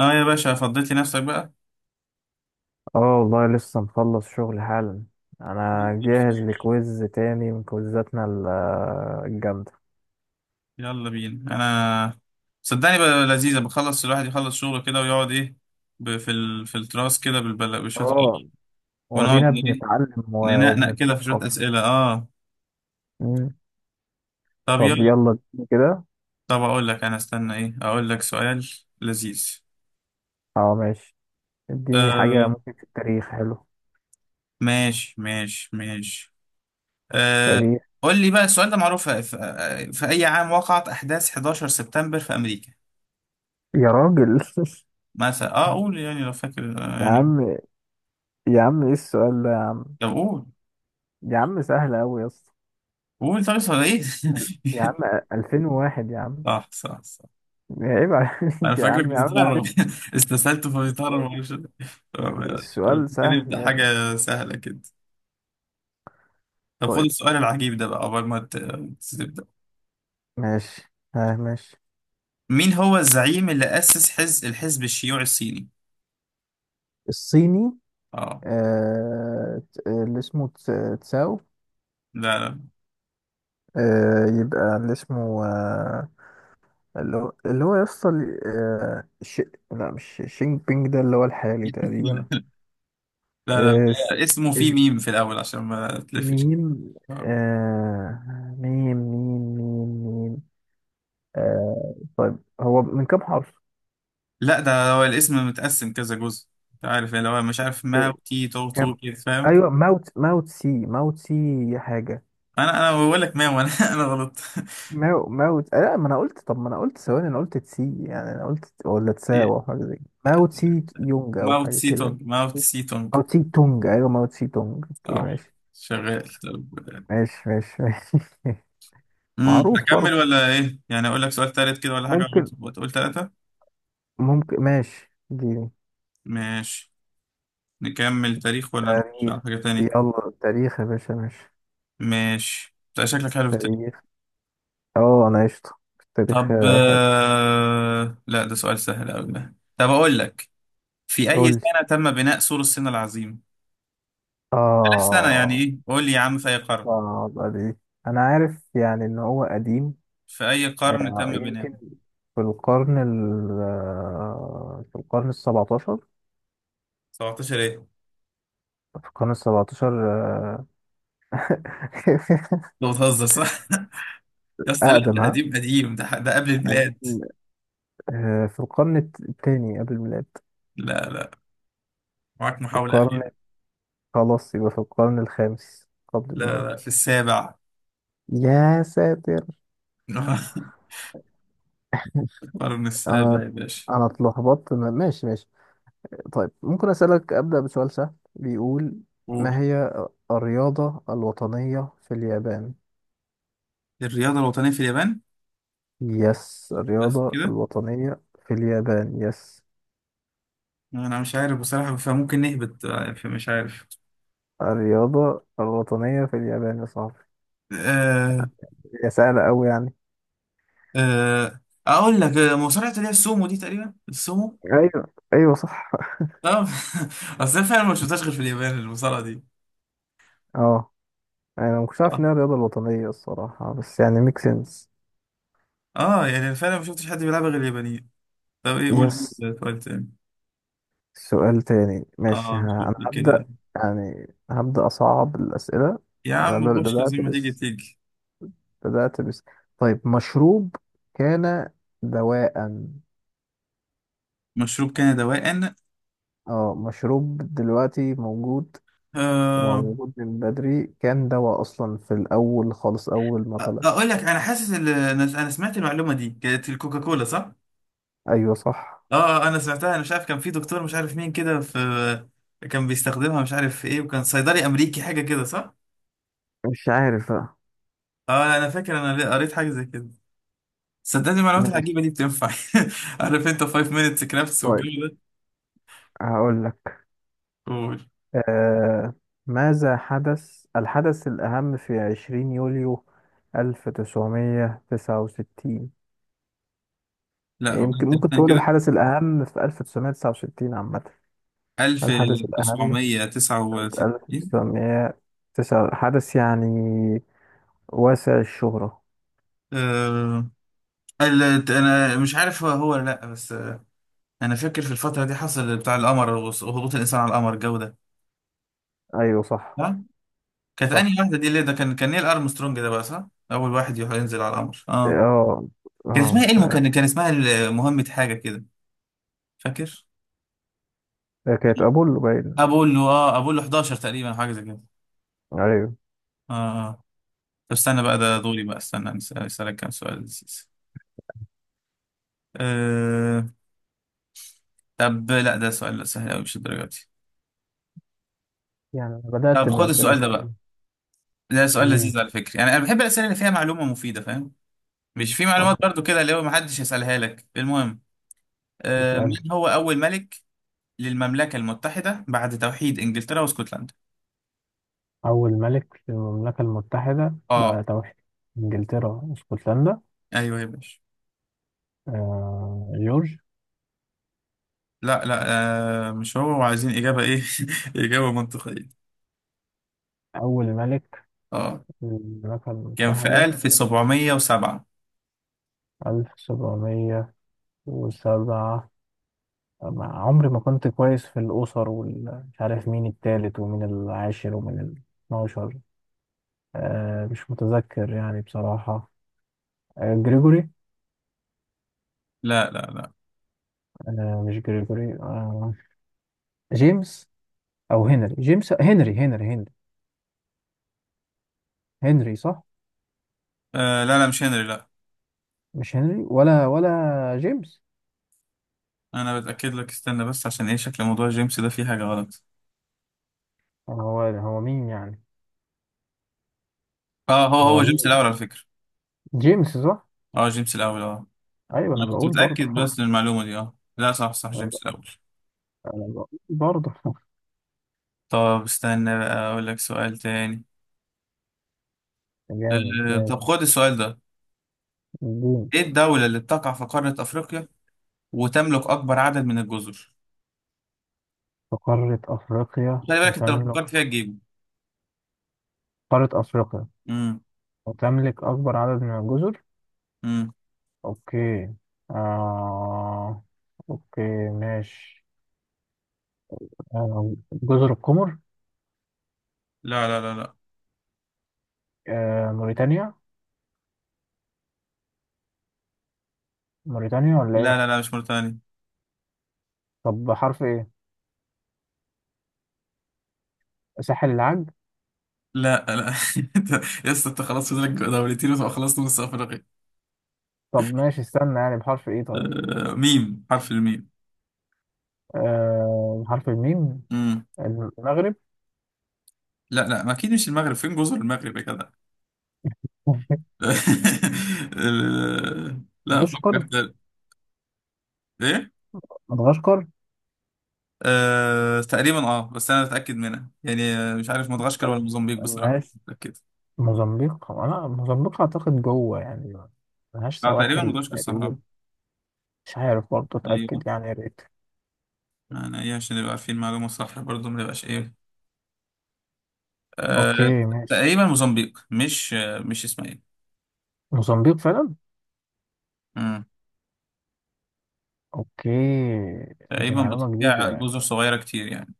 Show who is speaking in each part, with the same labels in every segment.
Speaker 1: اه يا باشا فضيت لي نفسك بقى.
Speaker 2: اه والله لسه مخلص شغل حالا. انا جاهز لكويز تاني من كويزاتنا الجامدة.
Speaker 1: يلا بينا. انا صدقني بقى لذيذه، بخلص الواحد يخلص شغله كده ويقعد ايه، في في التراس كده بالبلا بشويه،
Speaker 2: اه،
Speaker 1: ونقعد
Speaker 2: ودينا
Speaker 1: ايه،
Speaker 2: بنتعلم
Speaker 1: ننقنق كده في شويه
Speaker 2: وبنتثقف.
Speaker 1: اسئله. اه
Speaker 2: مم.
Speaker 1: طب
Speaker 2: طب
Speaker 1: يلا.
Speaker 2: يلا، اديني كده.
Speaker 1: طب اقول لك، انا استنى ايه، اقول لك سؤال لذيذ.
Speaker 2: اه ماشي. اديني حاجة
Speaker 1: آه
Speaker 2: ممكن في التاريخ، حلو.
Speaker 1: ماشي ماشي ماشي. آه
Speaker 2: تاريخ.
Speaker 1: قول لي بقى، السؤال ده معروف. في اي عام وقعت احداث 11 سبتمبر في امريكا؟
Speaker 2: يا راجل.
Speaker 1: مثلا اه قول، يعني لو فاكر،
Speaker 2: يا
Speaker 1: يعني
Speaker 2: عم، يا عم ايه السؤال ده يا عم؟
Speaker 1: طب قول،
Speaker 2: يا عم سهل اوي يا اسطى.
Speaker 1: قول طيب صار ايه.
Speaker 2: يا عم. 2001 يا عم.
Speaker 1: صح صح صح.
Speaker 2: عيب
Speaker 1: انا
Speaker 2: عليك يا
Speaker 1: فاكرك
Speaker 2: عم، يا عم انا
Speaker 1: بتتهرب.
Speaker 2: عرفت.
Speaker 1: استسهلته فبيتهرب،
Speaker 2: السؤال.
Speaker 1: معرفش. طب يلا، يلا،
Speaker 2: السؤال سهل
Speaker 1: نبدا
Speaker 2: يا ابني.
Speaker 1: حاجه سهله كده. طب خد
Speaker 2: طيب،
Speaker 1: السؤال العجيب ده بقى قبل ما تبدا.
Speaker 2: ماشي، ها ماشي.
Speaker 1: مين هو الزعيم اللي اسس الحزب الشيوعي الصيني؟
Speaker 2: الصيني.
Speaker 1: اه.
Speaker 2: اللي اسمه تساو.
Speaker 1: لا لا.
Speaker 2: يبقى اللي اسمه، اللي هو يصل، لا، مش شينج بينج ده اللي هو الحالي تقريبا.
Speaker 1: لا لا
Speaker 2: آه س...
Speaker 1: لا. اسمه فيه
Speaker 2: إز...
Speaker 1: ميم في الاول عشان ما تلفش.
Speaker 2: ميم،
Speaker 1: آه.
Speaker 2: ميم ميم ميم ميم. آه طيب، هو من كام حرف؟
Speaker 1: لا، ده هو الاسم متقسم كذا جزء. انت عارف يعني، لو أنا مش عارف، ما
Speaker 2: ك-
Speaker 1: وتي تو
Speaker 2: كام؟
Speaker 1: تو كده، فاهم.
Speaker 2: ايوه ماوت، ماوت سي، ماوت سي، حاجة.
Speaker 1: انا بقول لك ما وانا انا غلط.
Speaker 2: ماو ماوت، لا، ما انا قلت، ثواني، انا قلت تسي، يعني انا قلت، ولا تساو او حاجه زي كده، ماو تسي يونج او
Speaker 1: ماوت
Speaker 2: حاجه كده.
Speaker 1: سيتونج، ماوت سيتونج.
Speaker 2: ماو تسي تونج، ايوه ماو تسي تونج، اوكي
Speaker 1: صح،
Speaker 2: ماشي
Speaker 1: شغال. طب
Speaker 2: ماشي ماشي ماشي. معروف
Speaker 1: اكمل
Speaker 2: برضه.
Speaker 1: ولا ايه؟ يعني اقول لك سؤال تالت كده ولا حاجه،
Speaker 2: ممكن
Speaker 1: ولا تقول تلاته؟
Speaker 2: ممكن ماشي دي.
Speaker 1: ماشي. نكمل تاريخ ولا نخش
Speaker 2: تاريخ.
Speaker 1: على حاجه تانية؟
Speaker 2: يلا تاريخ يا باشا، ماشي.
Speaker 1: ماشي، انت شكلك حلو في التاريخ.
Speaker 2: تاريخ. اه انا قشطه. في التاريخ،
Speaker 1: طب
Speaker 2: حلو.
Speaker 1: آه، لا ده سؤال سهل قوي ده، طب اقول لك. في
Speaker 2: قول
Speaker 1: اي
Speaker 2: لي.
Speaker 1: سنه تم بناء سور الصين العظيم؟ سنه يعني
Speaker 2: اه
Speaker 1: ايه، قول لي يا عم، في اي قرن.
Speaker 2: اه، دي، انا عارف يعني ان هو قديم.
Speaker 1: في اي قرن تم بناؤه؟
Speaker 2: يمكن، في القرن السبعتاشر.
Speaker 1: 17 ايه؟
Speaker 2: في القرن السبعتاشر، آه،
Speaker 1: انت بتهزر صح؟ يا اسطى لا،
Speaker 2: أقدم،
Speaker 1: ده
Speaker 2: ها،
Speaker 1: قديم قديم، ده قبل الميلاد.
Speaker 2: قديم. في القرن التاني قبل الميلاد.
Speaker 1: لا لا، معاك
Speaker 2: في
Speaker 1: محاولة
Speaker 2: القرن،
Speaker 1: أخيرة.
Speaker 2: خلاص يبقى في القرن الخامس قبل
Speaker 1: لا
Speaker 2: الميلاد.
Speaker 1: لا، في السابع.
Speaker 2: يا ساتر.
Speaker 1: القرن
Speaker 2: أنا
Speaker 1: السابع يا باشا.
Speaker 2: أنا اتلخبطت، ماشي ماشي. طيب، ممكن أسألك؟ أبدأ بسؤال سهل بيقول:
Speaker 1: قول.
Speaker 2: ما هي الرياضة الوطنية في اليابان؟
Speaker 1: الرياضة الوطنية في اليابان؟
Speaker 2: يس،
Speaker 1: بس
Speaker 2: الرياضة
Speaker 1: كده؟
Speaker 2: الوطنية في اليابان، يس.
Speaker 1: أنا مش عارف بصراحة، فممكن نهبط بقى، فمش عارف.
Speaker 2: الرياضة الوطنية في اليابان يا صاحبي،
Speaker 1: أه.
Speaker 2: هي سهلة أوي يعني.
Speaker 1: أه. أقول لك، آه، مصارعة اللي هي السومو دي، تقريبا السومو.
Speaker 2: ايوه ايوه صح.
Speaker 1: أه. أصل أنا فعلا ما شفتهاش غير في اليابان، المصارعة دي.
Speaker 2: اه، أنا مكنتش عارف
Speaker 1: أه.
Speaker 2: إنها الرياضة الوطنية الصراحة، بس يعني ميك سنس.
Speaker 1: آه، يعني أنا فعلا ما شفتش حد بيلعبها غير اليابانيين. طب إيه قول.
Speaker 2: يس.
Speaker 1: سؤال تاني.
Speaker 2: سؤال تاني، ماشي،
Speaker 1: أه شوف
Speaker 2: أنا
Speaker 1: لي كده.
Speaker 2: هبدأ. يعني هبدأ أصعب الأسئلة.
Speaker 1: يا
Speaker 2: أنا
Speaker 1: عم
Speaker 2: ب-
Speaker 1: خش
Speaker 2: بدأت
Speaker 1: زي ما تيجي
Speaker 2: بس
Speaker 1: تيجي.
Speaker 2: بدأت بس طيب، مشروب كان دواء.
Speaker 1: مشروب كان دواء؟
Speaker 2: اه، مشروب دلوقتي موجود،
Speaker 1: أه.
Speaker 2: وموجود من بدري، كان دواء أصلا في الأول خالص، أول ما طلع.
Speaker 1: اقول لك، انا حاسس أنا سمعت المعلومه دي، كانت الكوكاكولا صح؟
Speaker 2: أيوة صح.
Speaker 1: اه. آه، انا سمعتها، انا مش عارف، كان في دكتور مش عارف مين كده، في كان بيستخدمها مش عارف في ايه، وكان صيدلي امريكي حاجه كده صح؟
Speaker 2: مش عارف بقى.
Speaker 1: اه انا فاكر انا قريت حاجه زي كده. صدقني المعلومات
Speaker 2: ماشي.
Speaker 1: العجيبه دي بتنفع. عارف انت 5 minutes crafts
Speaker 2: طيب،
Speaker 1: والجو ده.
Speaker 2: هقول لك.
Speaker 1: قول.
Speaker 2: آه ماذا حدث الحدث الأهم في 20 يوليو 1969؟
Speaker 1: لا هو
Speaker 2: يمكن
Speaker 1: انت
Speaker 2: ممكن
Speaker 1: تاني
Speaker 2: تقول
Speaker 1: كده.
Speaker 2: الحدث الأهم في 1969 عامة. الحدث الأهم في
Speaker 1: 1969.
Speaker 2: 1909، حدث يعني واسع الشهرة.
Speaker 1: أه... ال- انا مش عارف هو هو ولا لا، بس انا فاكر في الفتره دي حصل بتاع القمر وهبوط الانسان على القمر الجو ده.
Speaker 2: أيوه صح.
Speaker 1: صح. كانت انهي
Speaker 2: صح.
Speaker 1: واحده دي اللي ده، كان نيل ارمسترونج ده بقى صح، اول واحد يروح ينزل على القمر اه.
Speaker 2: اه
Speaker 1: كان
Speaker 2: اه،
Speaker 1: اسمها ايه المكان، كان اسمها مهمه حاجه كده، فاكر.
Speaker 2: كانت أبولو باين.
Speaker 1: ابولو، اه ابولو 11 تقريبا، حاجه زي كده.
Speaker 2: أيوه.
Speaker 1: اه. اه. طب استنى بقى، ده دوري بقى، استنى اسالك كام سؤال لذيذ. آه... طب لا ده سؤال سهل قوي، مش الدرجه دي.
Speaker 2: يعني أنا
Speaker 1: طب
Speaker 2: بدأت
Speaker 1: خد
Speaker 2: بأسئلة
Speaker 1: السؤال ده
Speaker 2: سهلة.
Speaker 1: بقى. ده سؤال
Speaker 2: امم،
Speaker 1: لذيذ على فكره، يعني انا بحب الاسئله اللي فيها معلومه مفيده فاهم، مش في
Speaker 2: طب
Speaker 1: معلومات برضو كده اللي هو محدش يسألها لك، المهم. آه،
Speaker 2: اسأل.
Speaker 1: مين هو أول ملك للمملكة المتحدة بعد توحيد إنجلترا واسكتلندا؟
Speaker 2: أول ملك في المملكة المتحدة
Speaker 1: اه.
Speaker 2: بعد توحيد إنجلترا واسكتلندا.
Speaker 1: ايوه يا باشا.
Speaker 2: جورج.
Speaker 1: لا لا. آه مش هو، وعايزين إجابة ايه. إجابة منطقية.
Speaker 2: أول ملك
Speaker 1: اه
Speaker 2: في المملكة
Speaker 1: كان في
Speaker 2: المتحدة،
Speaker 1: 1707.
Speaker 2: 1707. عمري ما كنت كويس في الأسر، ومش عارف مين التالت ومين العاشر ومين الاتناشر. آه مش متذكر يعني بصراحة. آه جريجوري.
Speaker 1: لا لا لا.
Speaker 2: آه مش جريجوري، آه، جيمس، أو هنري، جيمس، هنري هنري صح؟
Speaker 1: آه لا لا، مش هنري لا.
Speaker 2: مش هنري، ولا جيمس.
Speaker 1: انا بتأكد لك استنى بس، عشان ايه شكل موضوع جيمس ده فيه حاجة غلط.
Speaker 2: هو مين يعني؟
Speaker 1: اه، هو
Speaker 2: هو
Speaker 1: هو جيمس الأول
Speaker 2: مين؟
Speaker 1: على فكرة.
Speaker 2: جيمس، صح.
Speaker 1: اه جيمس الأول اه.
Speaker 2: ايوه انا
Speaker 1: انا كنت
Speaker 2: بقول برضه.
Speaker 1: متأكد بس من المعلومة دي، اه لا صح صح، جيمس الأول.
Speaker 2: انا بقول برضه.
Speaker 1: طب استنى بقى، أقول لك سؤال تاني.
Speaker 2: جامد، ماشي.
Speaker 1: طب خد السؤال ده.
Speaker 2: الدين.
Speaker 1: إيه الدولة اللي بتقع في قارة أفريقيا وتملك أكبر عدد من الجزر؟
Speaker 2: في قارة افريقيا
Speaker 1: خلي بالك أنت لو
Speaker 2: وتملك.
Speaker 1: فكرت فيها تجيبه.
Speaker 2: قارة افريقيا
Speaker 1: امم.
Speaker 2: وتملك اكبر عدد من الجزر.
Speaker 1: امم.
Speaker 2: اوكي. آه... اوكي ماشي. جزر القمر.
Speaker 1: لا لا لا لا.
Speaker 2: موريتانيا، موريتانيا ولا
Speaker 1: لا
Speaker 2: ايه؟
Speaker 1: لا لا مش موريتانيا.
Speaker 2: طب بحرف ايه؟ ساحل العاج.
Speaker 1: لا لا. يا اسطى أنت خلاص فاضلك دولتين وتبقى خلصت نص أفريقيا.
Speaker 2: طب ماشي استنى، يعني بحرف ايه طيب؟
Speaker 1: آه، ميم، حرف الميم.
Speaker 2: بحرف الميم.
Speaker 1: امم.
Speaker 2: المغرب.
Speaker 1: لا لا، ما أكيد مش المغرب، فين جزر المغرب يا جدع؟ لا فكر
Speaker 2: مدغشقر.
Speaker 1: تاني. إيه؟
Speaker 2: مدغشقر.
Speaker 1: أه تقريبا، اه بس انا متاكد منها يعني، آه، مش عارف مدغشقر ولا موزمبيق بصراحه،
Speaker 2: ماشي،
Speaker 1: مش متاكد.
Speaker 2: موزمبيق، انا موزمبيق اعتقد جوه يعني، ملهاش
Speaker 1: اه تقريبا
Speaker 2: سواحل
Speaker 1: مدغشقر صح.
Speaker 2: تقريبا.
Speaker 1: آه.
Speaker 2: مش عارف برضه،
Speaker 1: ايوه.
Speaker 2: اتاكد يعني يا ريت.
Speaker 1: انا ايه، عشان نبقى عارفين معلومه صح برضه ما نبقاش ايه. أه.
Speaker 2: اوكي ماشي.
Speaker 1: تقريبا موزمبيق مش، آه، مش اسمها ايه.
Speaker 2: موزمبيق فعلا.
Speaker 1: مم.
Speaker 2: اوكي. دي
Speaker 1: تقريبا
Speaker 2: معلومه جديده
Speaker 1: بتضيع
Speaker 2: يعني،
Speaker 1: جزر صغيره كتير يعني.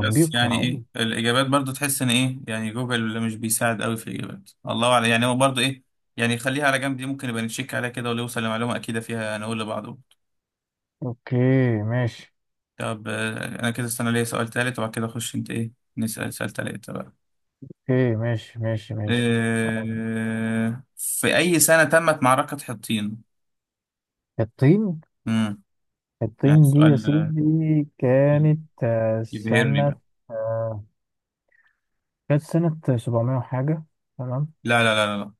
Speaker 1: بس يعني ايه،
Speaker 2: معقول.
Speaker 1: الاجابات برضه تحس ان ايه، يعني جوجل مش بيساعد قوي في الاجابات، الله اعلم، يعني هو برضه ايه. يعني خليها على جنب دي، ممكن نبقى نتشيك عليها كده، ولو وصل لمعلومه اكيده فيها نقول لبعض.
Speaker 2: اوكي ماشي.
Speaker 1: طب آه، انا كده استنى ليا سؤال تالت، وبعد كده اخش انت ايه، نسأل سؤال تالت بقى.
Speaker 2: اوكي ماشي ماشي ماشي.
Speaker 1: آه، في اي سنة تمت معركة حطين؟
Speaker 2: الطين.
Speaker 1: امم يعني
Speaker 2: الطين دي يا
Speaker 1: سؤال
Speaker 2: سيدي
Speaker 1: آه،
Speaker 2: كانت،
Speaker 1: يبهرني
Speaker 2: سنة،
Speaker 1: بقى.
Speaker 2: آه، كانت سنة 700 وحاجة، تمام.
Speaker 1: لا لا لا لا،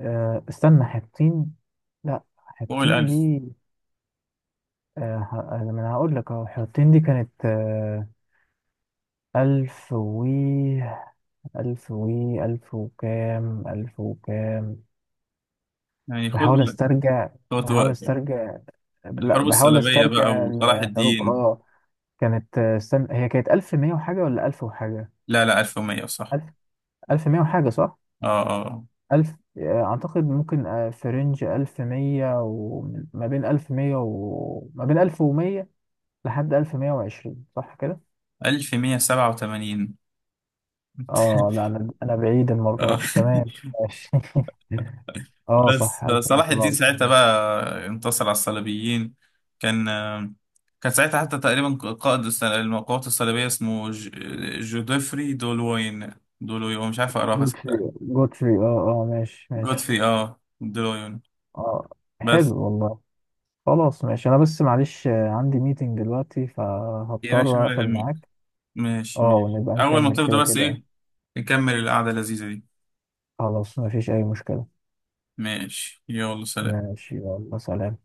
Speaker 2: استنى حطين، لا
Speaker 1: فوق
Speaker 2: حطين
Speaker 1: الالف.
Speaker 2: دي. ما انا هقول لك اهو، حطين دي كانت، ألف و ألف و ألف وكام.
Speaker 1: يعني خد،
Speaker 2: بحاول استرجع.
Speaker 1: خد
Speaker 2: بحاول
Speaker 1: وقتك.
Speaker 2: استرجع. لا،
Speaker 1: الحروب
Speaker 2: بحاول
Speaker 1: الصليبية بقى
Speaker 2: استرجع
Speaker 1: وصلاح
Speaker 2: الحروف،
Speaker 1: الدين.
Speaker 2: اه. كانت، استنى، هي كانت ألف مية وحاجة ولا ألف وحاجة؟
Speaker 1: لا لا، 1100 صح.
Speaker 2: ألف ألف مية وحاجة صح؟
Speaker 1: اه اه.
Speaker 2: ألف، أعتقد ممكن، في رينج ألف مية، وما بين ألف مية، وما بين ألف ومية لحد 1120، صح كده؟
Speaker 1: 1187.
Speaker 2: اه لا، انا بعيد المره
Speaker 1: اه.
Speaker 2: دي، تمام. ماشي. اه
Speaker 1: بس
Speaker 2: صح،
Speaker 1: صلاح الدين
Speaker 2: 1107.
Speaker 1: ساعتها بقى انتصر على الصليبيين. كان، كان ساعتها حتى تقريبا قائد القوات الصليبية اسمه جودفري دولوين. دولوين مش عارف اقراها
Speaker 2: جود فري
Speaker 1: صدقني.
Speaker 2: جود فري اه اه ماشي ماشي.
Speaker 1: جودفري اه دولوين.
Speaker 2: اه
Speaker 1: بس.
Speaker 2: حلو والله. خلاص ماشي، انا بس معلش، عندي ميتنج دلوقتي،
Speaker 1: يا باشا
Speaker 2: فهضطر
Speaker 1: ولا
Speaker 2: اقفل
Speaker 1: يهمك.
Speaker 2: معاك.
Speaker 1: ماشي
Speaker 2: اه،
Speaker 1: ماشي،
Speaker 2: ونبقى
Speaker 1: اول ما
Speaker 2: نكمل
Speaker 1: تفضى
Speaker 2: كده
Speaker 1: بس
Speaker 2: كده.
Speaker 1: ايه. نكمل القعدة اللذيذة دي.
Speaker 2: خلاص، مفيش اي مشكلة.
Speaker 1: ماشي يلا سلام.
Speaker 2: ماشي يلا سلام.